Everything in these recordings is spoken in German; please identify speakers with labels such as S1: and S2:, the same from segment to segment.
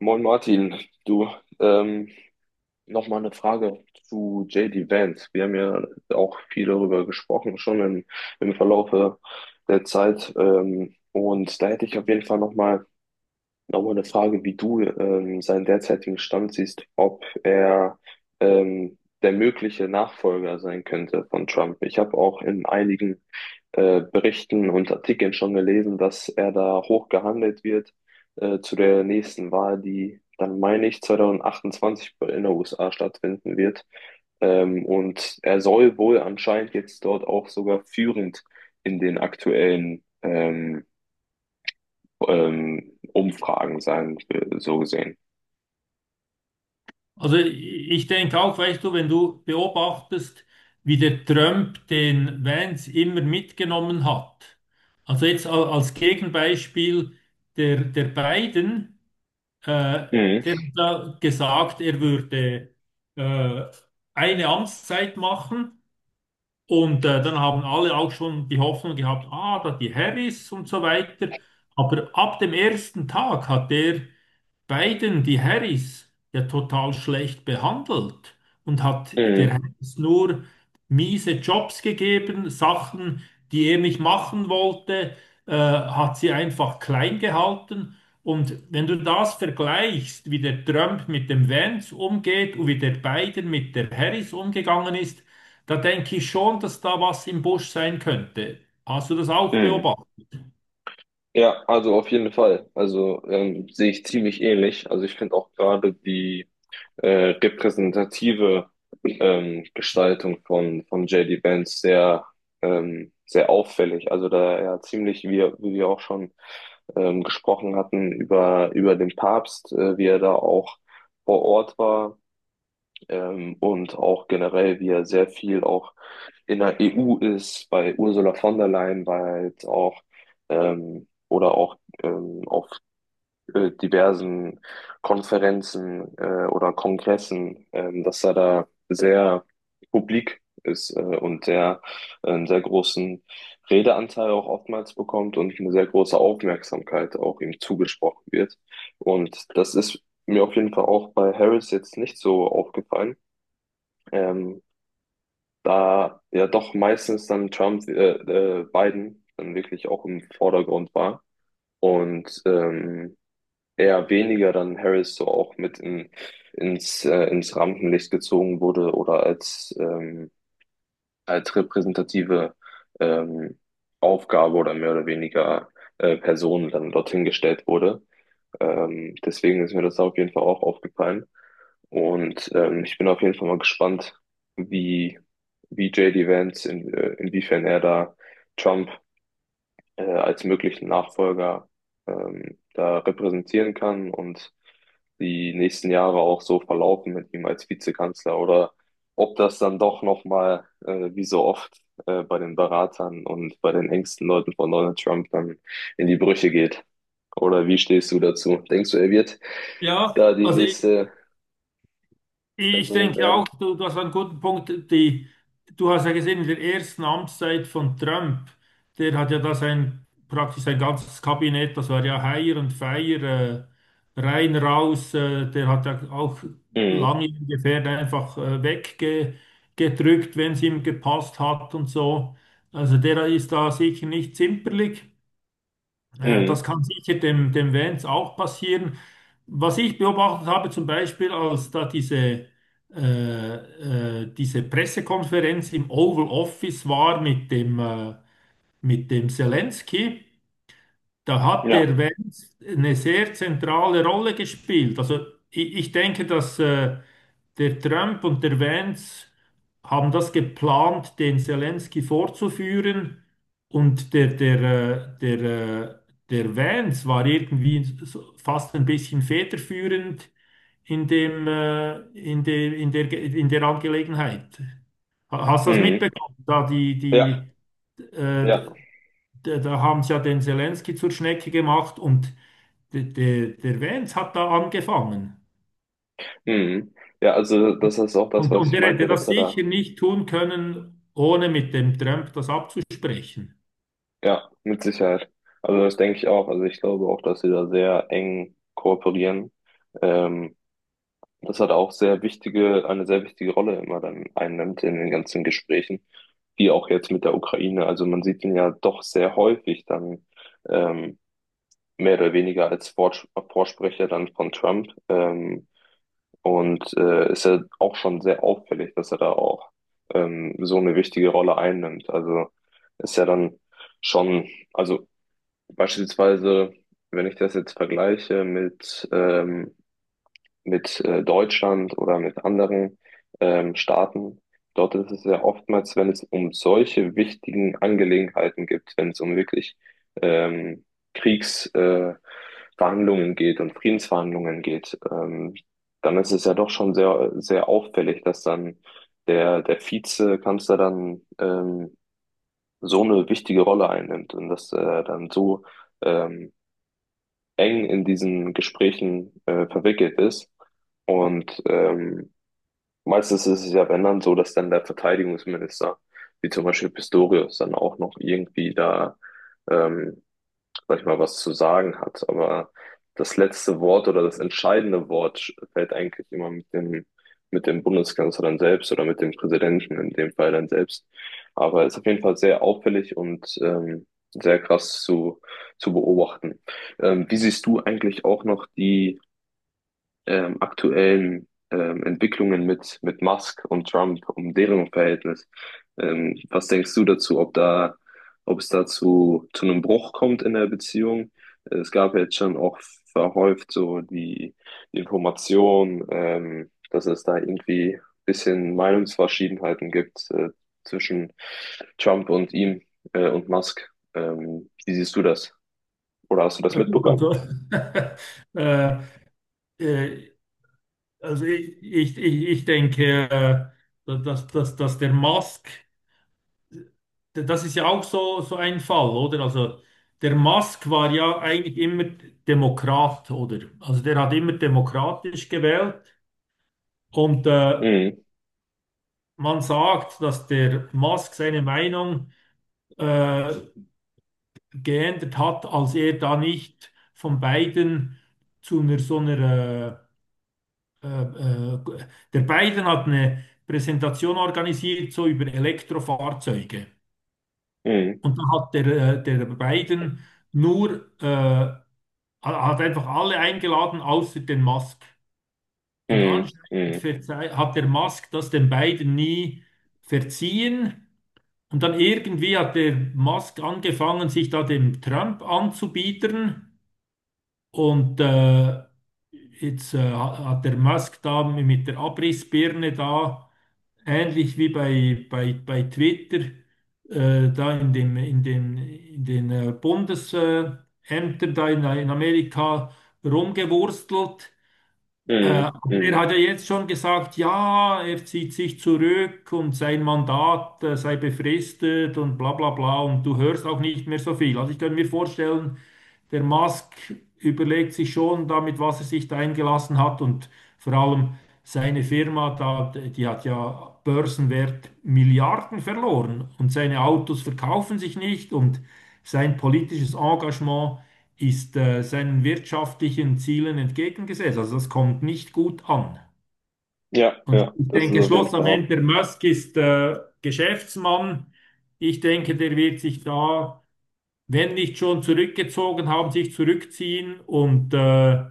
S1: Moin Martin, du, ähm, nochmal eine Frage zu J D Vance. Wir haben ja auch viel darüber gesprochen, schon im Verlaufe der Zeit. Und da hätte ich auf jeden Fall nochmal eine Frage, wie du seinen derzeitigen Stand siehst, ob er ähm, der mögliche Nachfolger sein könnte von Trump. Ich habe auch in einigen Berichten und Artikeln schon gelesen, dass er da hoch gehandelt wird zu der nächsten Wahl, die dann, meine ich, 2028 in den USA stattfinden wird. Und er soll wohl anscheinend jetzt dort auch sogar führend in den aktuellen Umfragen sein, so gesehen.
S2: Also ich denke auch, weißt du, wenn du beobachtest, wie der Trump den Vance immer mitgenommen hat. Also jetzt als Gegenbeispiel der Biden, äh,
S1: Mhm.
S2: der hat da gesagt, er würde äh, eine Amtszeit machen und dann haben alle auch schon die Hoffnung gehabt, ah, da die Harris und so weiter. Aber ab dem ersten Tag hat der Biden die Harris ja total schlecht behandelt und hat der
S1: Mhm.
S2: Harris nur miese Jobs gegeben, Sachen, die er nicht machen wollte, hat sie einfach klein gehalten. Und wenn du das vergleichst, wie der Trump mit dem Vance umgeht und wie der Biden mit der Harris umgegangen ist, da denke ich schon, dass da was im Busch sein könnte. Hast du das auch
S1: Mhm.
S2: beobachtet?
S1: Ja, also auf jeden Fall. Also sehe ich ziemlich ähnlich. Also ich finde auch gerade die repräsentative Gestaltung von J D. Vance sehr auffällig. Also da er ja, ziemlich, wie wir auch schon gesprochen hatten, über den Papst, wie er da auch vor Ort war. Und auch generell, wie er sehr viel auch in der EU ist, bei Ursula von der Leyen war er halt auch oder auch auf diversen Konferenzen oder Kongressen, dass er da sehr publik ist und einen sehr großen Redeanteil auch oftmals bekommt und eine sehr große Aufmerksamkeit auch ihm zugesprochen wird. Und das ist mir auf jeden Fall auch bei Harris jetzt nicht so aufgefallen. Ähm, Da ja doch meistens dann Biden dann wirklich auch im Vordergrund war und eher weniger dann Harris so auch mit ins, ins Rampenlicht gezogen wurde oder als repräsentative ähm, Aufgabe oder mehr oder weniger Person dann dorthin gestellt wurde. Deswegen ist mir das auf jeden Fall auch aufgefallen. Und ich bin auf jeden Fall mal gespannt, wie, wie J D Vance, inwiefern er da Trump als möglichen Nachfolger da repräsentieren kann und die nächsten Jahre auch so verlaufen mit ihm als Vizekanzler oder ob das dann doch nochmal, wie so oft, bei den Beratern und bei den engsten Leuten von Donald Trump dann in die Brüche geht. Oder wie stehst du dazu? Denkst du, er wird
S2: Ja,
S1: da die
S2: also
S1: nächste
S2: ich
S1: Person
S2: denke auch,
S1: werden?
S2: du hast einen guten Punkt. Du hast ja gesehen, in der ersten Amtszeit von Trump, der hat ja da sein, praktisch sein ganzes Kabinett, das war ja Hire und Fire, rein, raus, der hat ja auch
S1: Mhm.
S2: lange ungefähr einfach weggedrückt, wenn es ihm gepasst hat und so. Also der ist da sicher nicht zimperlich. Das
S1: Mhm.
S2: kann sicher dem Vance auch passieren. Was ich beobachtet habe, zum Beispiel, als da äh, diese Pressekonferenz im Oval Office war mit mit dem Zelensky, da hat
S1: Ja.
S2: der Wenz eine sehr zentrale Rolle gespielt. Also ich denke, dass der Trump und der Wenz haben das geplant, den Zelensky vorzuführen. Und äh, der, äh, der Wenz war irgendwie so fast ein bisschen federführend in dem, in dem, in der, Ge- in der Angelegenheit. Hast du das
S1: Mhm.
S2: mitbekommen? Da die,
S1: Ja.
S2: die,
S1: Ja.
S2: äh, da, da haben sie ja den Zelensky zur Schnecke gemacht und der Vance hat da angefangen.
S1: Mhm. Ja, also das ist auch das,
S2: Und
S1: was ich
S2: er
S1: meinte,
S2: hätte
S1: dass
S2: das
S1: er da.
S2: sicher nicht tun können, ohne mit dem Trump das abzusprechen.
S1: Ja, mit Sicherheit. Also das denke ich auch. Also ich glaube auch, dass sie da sehr eng kooperieren. Ähm, Das hat auch sehr wichtige, eine sehr wichtige Rolle immer dann einnimmt in den ganzen Gesprächen, wie auch jetzt mit der Ukraine. Also man sieht ihn ja doch sehr häufig dann ähm, mehr oder weniger als Vorsprecher dann von Trump. Und ist ja auch schon sehr auffällig, dass er da auch so eine wichtige Rolle einnimmt. Also ist ja dann schon, also beispielsweise, wenn ich das jetzt vergleiche mit Deutschland oder mit anderen Staaten, dort ist es ja oftmals, wenn es um solche wichtigen Angelegenheiten gibt, wenn es um wirklich ähm, Kriegsverhandlungen Verhandlungen geht und Friedensverhandlungen geht, dann ist es ja doch schon sehr, sehr auffällig, dass dann der Vizekanzler dann so eine wichtige Rolle einnimmt und dass er dann so ähm, eng in diesen Gesprächen verwickelt ist. Und meistens ist es ja, wenn dann so, dass dann der Verteidigungsminister, wie zum Beispiel Pistorius, dann auch noch irgendwie da ähm, sag ich mal, was zu sagen hat. Aber das letzte Wort oder das entscheidende Wort fällt eigentlich immer mit dem Bundeskanzler dann selbst oder mit dem Präsidenten in dem Fall dann selbst. Aber ist auf jeden Fall sehr auffällig und sehr krass zu beobachten. Wie siehst du eigentlich auch noch die aktuellen Entwicklungen mit Musk und Trump, um deren Verhältnis. Was denkst du dazu, ob es dazu zu einem Bruch kommt in der Beziehung? Es gab ja jetzt schon auch verhäuft so die Information, dass es da irgendwie ein bisschen Meinungsverschiedenheiten gibt zwischen Trump und ihm und Musk. Wie siehst du das? Oder hast du das
S2: Ja gut,
S1: mitbekommen?
S2: also, äh, äh, also ich denke, dass der Musk, das ist ja auch so, so ein Fall, oder? Also der Musk war ja eigentlich immer Demokrat, oder? Also der hat immer demokratisch gewählt. Und
S1: Mhm.
S2: man sagt, dass der Musk seine Meinung äh, geändert hat, als er da nicht von Biden zu einer so einer äh, äh, äh, der Biden hat eine Präsentation organisiert, so über Elektrofahrzeuge.
S1: Mhm.
S2: Und da hat der Biden nur hat einfach alle eingeladen, außer den Musk. Und
S1: Mhm.
S2: anscheinend
S1: Mhm.
S2: hat der Musk das den Biden nie verziehen. Und dann irgendwie hat der Musk angefangen, sich da dem Trump anzubiedern. Und jetzt hat der Musk da mit der Abrissbirne da, ähnlich wie bei, bei Twitter, da in in den Bundesämtern da in Amerika rumgewurstelt. Äh,
S1: Mhm.
S2: aber er
S1: Mhm.
S2: hat ja jetzt schon gesagt, ja, er zieht sich zurück und sein Mandat sei befristet und bla bla bla und du hörst auch nicht mehr so viel. Also ich könnte mir vorstellen, der Musk überlegt sich schon damit, was er sich da eingelassen hat und vor allem seine Firma, da, die hat ja Börsenwert Milliarden verloren und seine Autos verkaufen sich nicht und sein politisches Engagement ist seinen wirtschaftlichen Zielen entgegengesetzt. Also das kommt nicht gut an.
S1: Ja,
S2: Und
S1: ja,
S2: ich
S1: das ist
S2: denke,
S1: auf jeden Fall
S2: schlussendlich,
S1: auch.
S2: der Musk ist Geschäftsmann. Ich denke, der wird sich da, wenn nicht schon zurückgezogen haben, sich zurückziehen. Und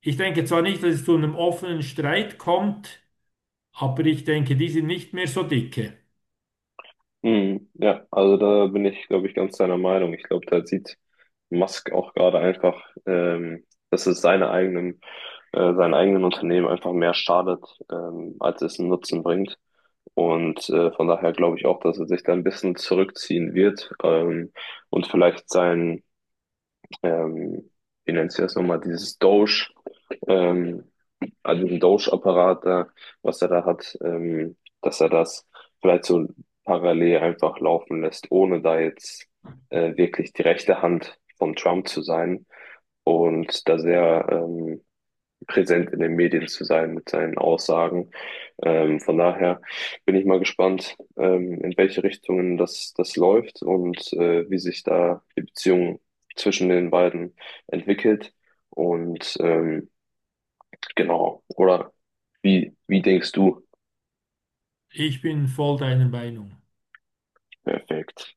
S2: ich denke zwar nicht, dass es zu einem offenen Streit kommt, aber ich denke, die sind nicht mehr so dicke.
S1: Mhm. Ja, also da bin ich, glaube ich, ganz deiner Meinung. Ich glaube, da sieht Musk auch gerade einfach, dass es seine eigenen, seinen eigenen Unternehmen einfach mehr schadet, als es einen Nutzen bringt. Und von daher glaube ich auch, dass er sich da ein bisschen zurückziehen wird und vielleicht ähm, wie nennt sich das nochmal, dieses ähm, also diesen Doge-Apparat da, was er da hat, dass er das vielleicht so parallel einfach laufen lässt, ohne da jetzt wirklich die rechte Hand von Trump zu sein und da sehr präsent in den Medien zu sein mit seinen Aussagen. Von daher bin ich mal gespannt, in welche Richtungen das läuft und wie sich da die Beziehung zwischen den beiden entwickelt. Und genau, oder wie denkst du?
S2: Ich bin voll deiner Meinung.
S1: Perfekt.